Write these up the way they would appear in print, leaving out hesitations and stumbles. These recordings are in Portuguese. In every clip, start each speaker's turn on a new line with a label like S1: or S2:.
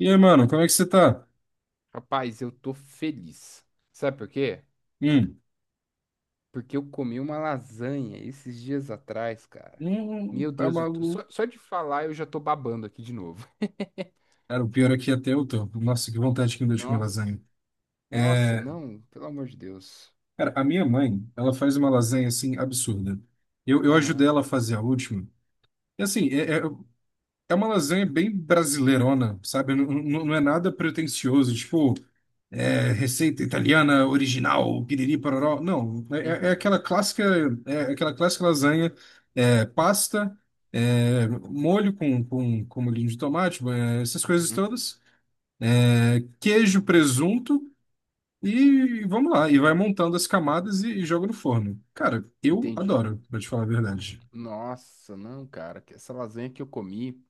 S1: E aí, mano, como é que você tá?
S2: Rapaz, eu tô feliz. Sabe por quê?
S1: Hum,
S2: Porque eu comi uma lasanha esses dias atrás, cara. Meu
S1: tá
S2: Deus,
S1: maluco.
S2: só, só de falar eu já tô babando aqui de novo.
S1: Cara, o pior aqui até eu tô. Nossa, que vontade que me deu de comer
S2: Nossa,
S1: lasanha.
S2: nossa,
S1: É,
S2: não, pelo amor de Deus.
S1: cara, a minha mãe, ela faz uma lasanha, assim, absurda. Eu
S2: Aham,
S1: ajudei ela a fazer a última. E, assim, é uma lasanha bem brasileirona, sabe? Não, não, não é nada pretensioso. Tipo, receita italiana original, piriri pororó. Não, é
S2: uhum,
S1: aquela clássica, é aquela clássica lasanha, pasta, molho com molhinho de tomate, essas coisas
S2: uhum,
S1: todas, queijo, presunto e vamos lá. E vai montando as camadas e joga no forno. Cara, eu
S2: entendi.
S1: adoro, pra te falar a verdade.
S2: Nossa, não, cara, que essa lasanha que eu comi.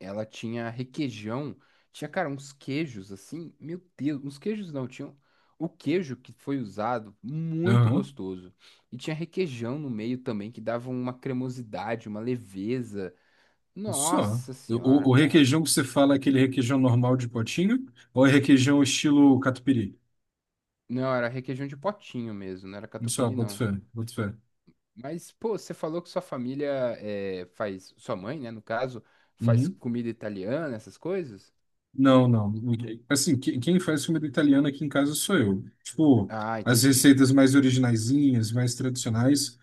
S2: Ela tinha requeijão, tinha, cara, uns queijos assim, meu Deus, uns queijos não, tinham o queijo que foi usado, muito
S1: Aham,
S2: gostoso. E tinha requeijão no meio também, que dava uma cremosidade, uma leveza.
S1: só.
S2: Nossa senhora,
S1: O
S2: cara.
S1: requeijão que você fala é aquele requeijão normal de potinho ou é requeijão estilo catupiry?
S2: Não, era requeijão de potinho mesmo, não era
S1: Só,
S2: catupiry
S1: boto
S2: não.
S1: fé, boto fé.
S2: Mas, pô, você falou que sua família faz, sua mãe, né, no caso, faz
S1: Uhum.
S2: comida italiana, essas coisas?
S1: Não, não. Assim, quem faz comida italiana aqui em casa sou eu. Tipo,
S2: Ah,
S1: as
S2: entendi.
S1: receitas mais originaizinhas, mais tradicionais.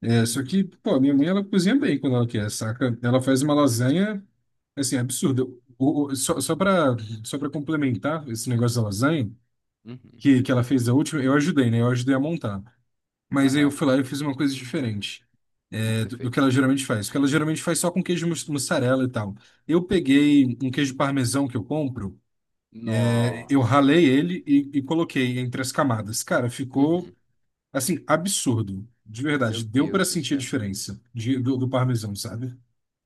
S1: É, só que,
S2: Uhum,
S1: pô, minha mãe, ela cozinha bem quando ela quer, saca? Ela faz uma lasanha, assim, absurda. O, o- só, só pra, só pra complementar esse negócio da lasanha,
S2: uhum.
S1: que ela fez a última, eu ajudei, né? Eu ajudei a montar. Mas aí eu
S2: Aham. O
S1: fui lá e fiz uma coisa diferente,
S2: que que
S1: é,
S2: você
S1: do, do que ela
S2: fez?
S1: geralmente faz. Porque ela geralmente faz só com queijo mussarela e tal. Eu peguei um queijo parmesão que eu compro. Eu ralei
S2: Nossa.
S1: ele e coloquei entre as camadas. Cara, ficou
S2: Uhum.
S1: assim, absurdo. De
S2: Meu
S1: verdade, deu para
S2: Deus do
S1: sentir a
S2: céu.
S1: diferença do parmesão, sabe?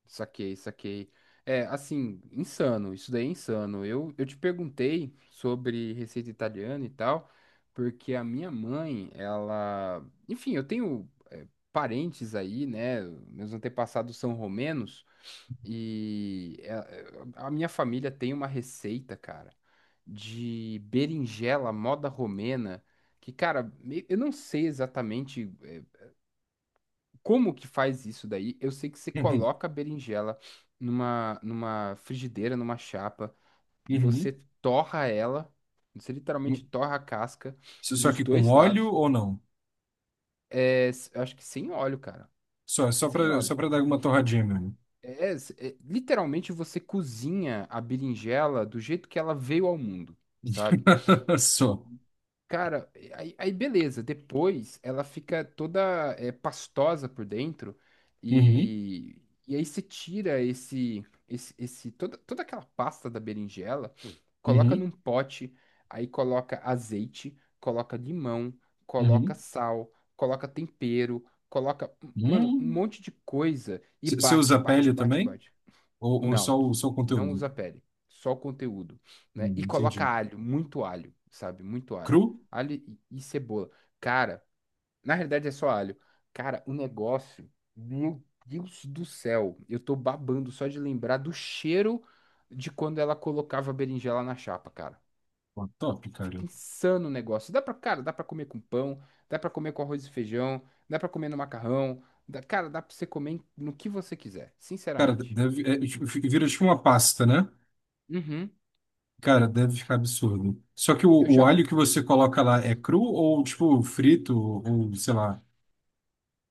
S2: Saquei, saquei. É, assim, insano. Isso daí é insano. Eu te perguntei sobre receita italiana e tal, porque a minha mãe, ela. Enfim, eu tenho parentes aí, né? Meus antepassados são romenos e a minha família tem uma receita, cara, de berinjela moda romena. Que, cara, eu não sei exatamente. Como que faz isso daí? Eu sei que você
S1: Uhum,
S2: coloca a berinjela numa, numa frigideira, numa chapa, você
S1: uhum.
S2: torra ela, você literalmente torra a casca
S1: Só só
S2: dos
S1: que com
S2: dois
S1: óleo
S2: lados,
S1: ou não?
S2: acho que sem óleo, cara,
S1: Só, só
S2: sem
S1: para
S2: óleo.
S1: só para dar uma torradinha mesmo.
S2: É, literalmente você cozinha a berinjela do jeito que ela veio ao mundo, sabe?
S1: Só.
S2: Cara, aí, aí beleza. Depois ela fica toda pastosa por dentro
S1: Uhum,
S2: e, e aí você tira esse toda aquela pasta da berinjela, coloca
S1: uhum,
S2: num pote, aí coloca azeite, coloca limão, coloca
S1: uhum.
S2: sal, coloca tempero, coloca, mano, um
S1: Hum.
S2: monte de coisa e
S1: Você usa
S2: bate,
S1: a
S2: bate,
S1: pele
S2: bate,
S1: também?
S2: bate.
S1: Ou, ou
S2: Não,
S1: só, o, só o
S2: não
S1: conteúdo?
S2: usa pele, só o conteúdo, né? E coloca
S1: Entendi.
S2: alho, muito alho, sabe? Muito alho.
S1: Cru?
S2: Alho e cebola. Cara, na realidade é só alho. Cara, o negócio, meu Deus do céu, eu tô babando só de lembrar do cheiro de quando ela colocava a berinjela na chapa, cara.
S1: Pô, top, cara.
S2: Fica insano o negócio. Dá pra, cara, dá pra comer com pão, dá pra comer com arroz e feijão, dá pra comer no macarrão, cara, dá pra você comer no que você quiser,
S1: Cara,
S2: sinceramente.
S1: deve, tipo, vira tipo uma pasta, né?
S2: Uhum.
S1: Cara, deve ficar absurdo. Só que o,
S2: Eu
S1: o
S2: já
S1: alho que você coloca lá é cru ou, tipo, frito, ou sei lá,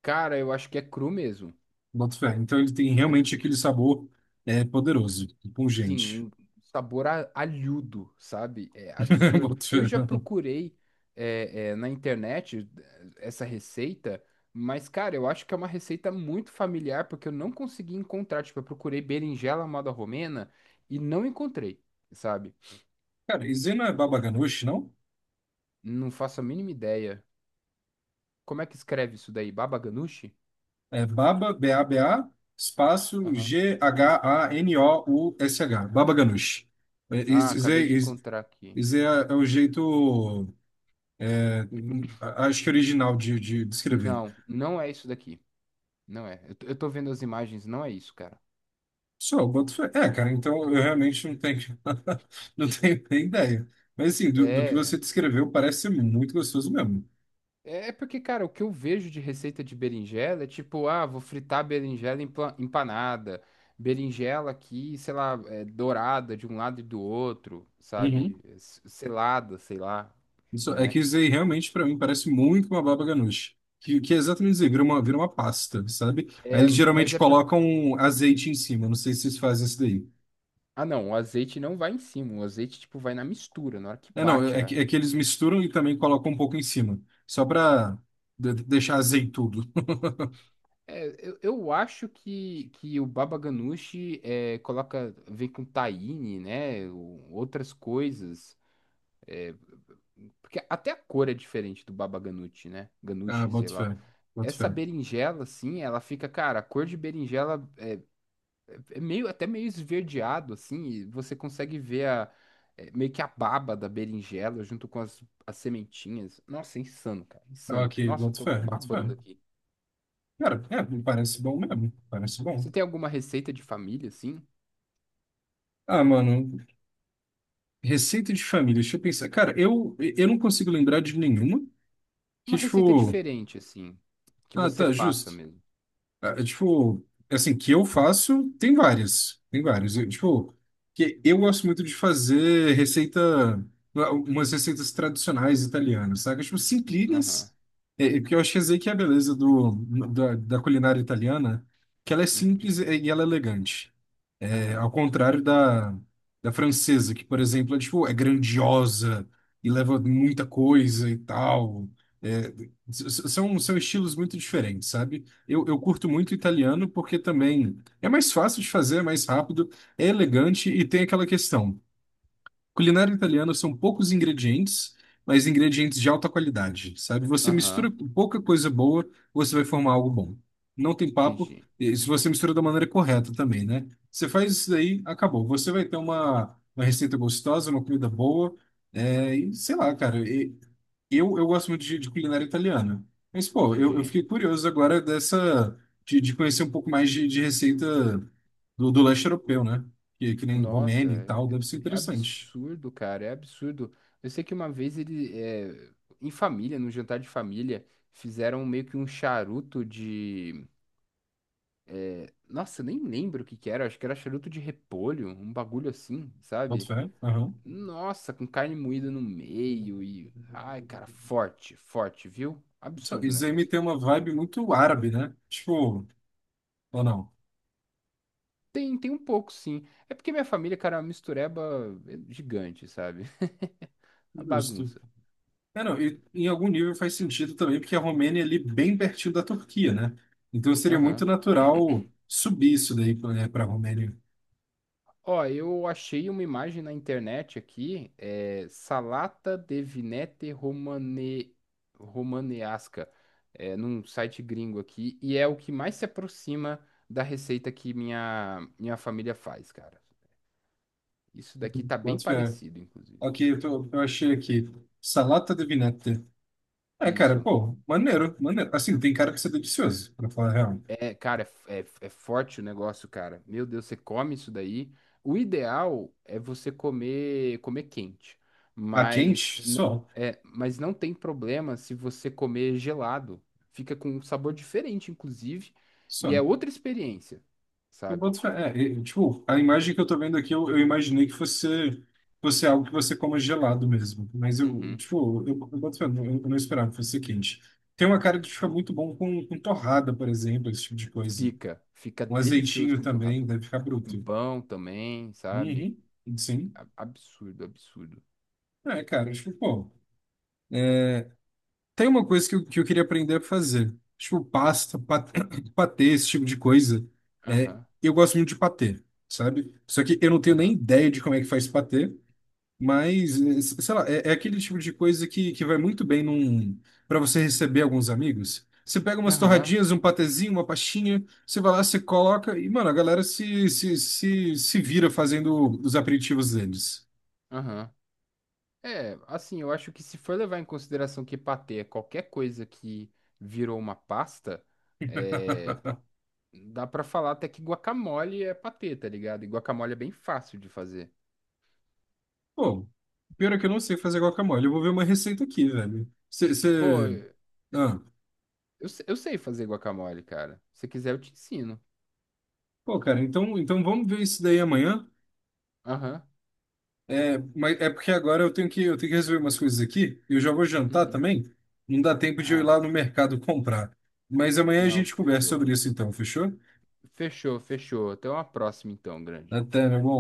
S2: Cara, eu acho que é cru mesmo.
S1: boto fé. Então ele tem
S2: Eu acho
S1: realmente
S2: que é
S1: aquele
S2: cru.
S1: sabor poderoso,
S2: Sim,
S1: pungente.
S2: um sabor alhudo, sabe? É absurdo.
S1: Boto
S2: Eu
S1: fé.
S2: já procurei na internet essa receita, mas, cara, eu acho que é uma receita muito familiar, porque eu não consegui encontrar. Tipo, eu procurei berinjela à moda romena e não encontrei, sabe?
S1: Cara, isso aí não é baba ganoush, não?
S2: Não faço a mínima ideia. Como é que escreve isso daí? Baba ganoush?
S1: É baba, Baba, espaço
S2: Aham.
S1: Ghanoush. Baba ganoush. É,
S2: Ah,
S1: Isso isso
S2: acabei
S1: aí
S2: de
S1: isso-
S2: encontrar aqui.
S1: isso aí é o jeito, é, acho que original de, escrever.
S2: Não, não é isso daqui. Não é. Eu tô vendo as imagens, não é isso, cara.
S1: Só, eu boto fé. É, cara, então eu realmente não tenho, não tenho nem ideia. Mas assim, do que
S2: É.
S1: você descreveu, parece ser muito gostoso mesmo.
S2: É porque, cara, o que eu vejo de receita de berinjela é tipo, ah, vou fritar berinjela empanada, berinjela aqui, sei lá, é, dourada de um lado e do outro, sabe?
S1: Uhum.
S2: Selada, sei lá,
S1: Isso, é
S2: né?
S1: que isso aí realmente para mim parece muito uma baba ganoush. Que é exatamente dizer, vira uma pasta, sabe? Aí
S2: É,
S1: eles
S2: mas
S1: geralmente
S2: é porque.
S1: colocam azeite em cima. Não sei se vocês fazem isso daí.
S2: Ah, não, o azeite não vai em cima, o azeite, tipo, vai na mistura, na hora que
S1: É, não,
S2: bate
S1: é, é que-
S2: a,
S1: é que eles misturam e também colocam um pouco em cima. Só pra deixar azeitudo.
S2: É, eu acho que o baba ganoush é, coloca, vem com tahine, né? Outras coisas. É, porque até a cor é diferente do baba ganoush, né?
S1: Ah,
S2: Ganoush, sei
S1: boto
S2: lá.
S1: fé, boto
S2: Essa
S1: fé.
S2: berinjela, assim, ela fica, cara, a cor de berinjela é meio, até meio esverdeado, assim, e você consegue ver a, é, meio que a baba da berinjela junto com as, as sementinhas. Nossa, é insano, cara, insano.
S1: Ok,
S2: Nossa, eu
S1: boto
S2: tô
S1: fé, boto fé.
S2: babando aqui.
S1: Cara, me parece bom mesmo. Parece bom.
S2: Você tem alguma receita de família, assim?
S1: Ah, mano, receita de família. Deixa eu pensar. Cara, eu não consigo lembrar de nenhuma que,
S2: Uma receita
S1: tipo.
S2: diferente, assim. Que
S1: Ah,
S2: você
S1: tá,
S2: faça
S1: justo.
S2: mesmo.
S1: Ah, é, tipo, assim, que eu faço, tem várias. Tem várias. Eu, tipo, que eu gosto muito de fazer receita. Umas receitas tradicionais italianas, sabe? Tipo,
S2: Aham.
S1: simplinhas. Porque eu acho que essa aí que é a beleza do, da culinária italiana, que ela é
S2: Uhum.
S1: simples e ela é elegante. É,
S2: Aham.
S1: ao contrário da, francesa, que, por exemplo, tipo, é grandiosa e leva muita coisa e tal. É, são estilos muito diferentes, sabe? Eu curto muito italiano porque também é mais fácil de fazer, é mais rápido, é elegante e tem aquela questão. Culinária italiana são poucos ingredientes, mas ingredientes de alta qualidade, sabe? Você mistura
S2: Aham.
S1: pouca coisa boa, você vai formar algo bom. Não tem papo,
S2: Entendi.
S1: e se você mistura da maneira correta também, né? Você faz isso daí, acabou. Você vai ter uma receita gostosa, uma comida boa, e sei lá, cara. Eu gosto muito de, culinária italiana. Mas, pô, eu
S2: Entendi.
S1: fiquei curioso agora dessa, de conhecer um pouco mais de, receita do leste europeu, né? Que nem
S2: Nossa,
S1: Romênia e tal,
S2: é
S1: deve ser
S2: é
S1: interessante.
S2: absurdo, cara. É absurdo. Eu sei que uma vez ele, é, em família, num jantar de família, fizeram meio que um charuto de. É, nossa, eu nem lembro o que que era. Acho que era charuto de repolho, um bagulho assim,
S1: Boto
S2: sabe?
S1: fé. Aham.
S2: Nossa, com carne moída no meio e. Ai, cara, forte, forte, viu?
S1: Isso
S2: Absurdo o
S1: isso aí me
S2: negócio.
S1: tem uma vibe muito árabe, né? Tipo, ou não?
S2: Tem, tem um pouco, sim. É porque minha família, cara, é uma mistureba gigante, sabe? A
S1: Justo.
S2: bagunça.
S1: É, não, e em algum nível faz sentido também, porque a Romênia é ali bem pertinho da Turquia, né? Então seria muito
S2: Aham.
S1: natural subir isso daí para a Romênia.
S2: Ó, eu achei uma imagem na internet aqui, é Salata de Vinete Romane... Romanesca, é, num site gringo aqui, e é o que mais se aproxima da receita que minha família faz, cara. Isso daqui tá bem
S1: Boto fé.
S2: parecido, inclusive.
S1: Ok, eu achei aqui. Salata de vinete. É, cara,
S2: Isso.
S1: pô, maneiro, maneiro. Assim, tem cara que isso é delicioso, pra falar a real.
S2: É, cara, é forte o negócio, cara. Meu Deus, você come isso daí. O ideal é você comer quente,
S1: A quente,
S2: mas n-
S1: só.
S2: é, mas não tem problema se você comer gelado. Fica com um sabor diferente, inclusive, e é
S1: Só.
S2: outra experiência,
S1: Eu
S2: sabe?
S1: boto fé. É, e, tipo, a imagem que eu tô vendo aqui, eu imaginei que fosse algo que você coma gelado mesmo. Mas eu,
S2: Uhum.
S1: tipo, eu boto fé, eu não esperava que fosse quente. Tem uma cara que fica muito bom com torrada, por exemplo, esse tipo de coisa.
S2: Fica, fica
S1: Um
S2: delicioso
S1: azeitinho
S2: com torrada.
S1: também, deve ficar
S2: Com
S1: bruto.
S2: pão também, sabe?
S1: Uhum, sim.
S2: Absurdo, absurdo.
S1: É, cara, tipo, pô. Tem uma coisa que eu queria aprender a fazer. Tipo, pasta, patê, esse tipo de coisa. É,
S2: Aham,
S1: eu gosto muito de patê, sabe? Só que eu não tenho nem
S2: aham,
S1: ideia de como é que faz patê. Mas, sei lá, é aquele tipo de coisa que vai muito bem para você receber alguns amigos. Você pega umas
S2: aham,
S1: torradinhas, um patezinho, uma pastinha, você vai lá, você coloca e, mano, a galera se vira fazendo os aperitivos deles.
S2: aham. É, assim, eu acho que se for levar em consideração que patê é qualquer coisa que virou uma pasta, é, dá pra falar até que guacamole é patê, tá ligado? E guacamole é bem fácil de fazer.
S1: Pô, pior é que eu não sei fazer guacamole. Eu vou ver uma receita aqui, velho.
S2: Pô,
S1: Você.
S2: eu,
S1: Ah,
S2: eu sei fazer guacamole, cara. Se quiser, eu te ensino.
S1: pô, cara, então vamos ver isso daí amanhã.
S2: Aham.
S1: É, mas é porque agora eu tenho que resolver umas coisas aqui e eu já vou jantar
S2: Uhum.
S1: também. Não dá tempo de eu ir
S2: Ah,
S1: lá no mercado comprar. Mas amanhã a
S2: não,
S1: gente conversa
S2: fechou.
S1: sobre isso então, fechou?
S2: Fechou, fechou. Até uma próxima, então, grande.
S1: Até, meu bom.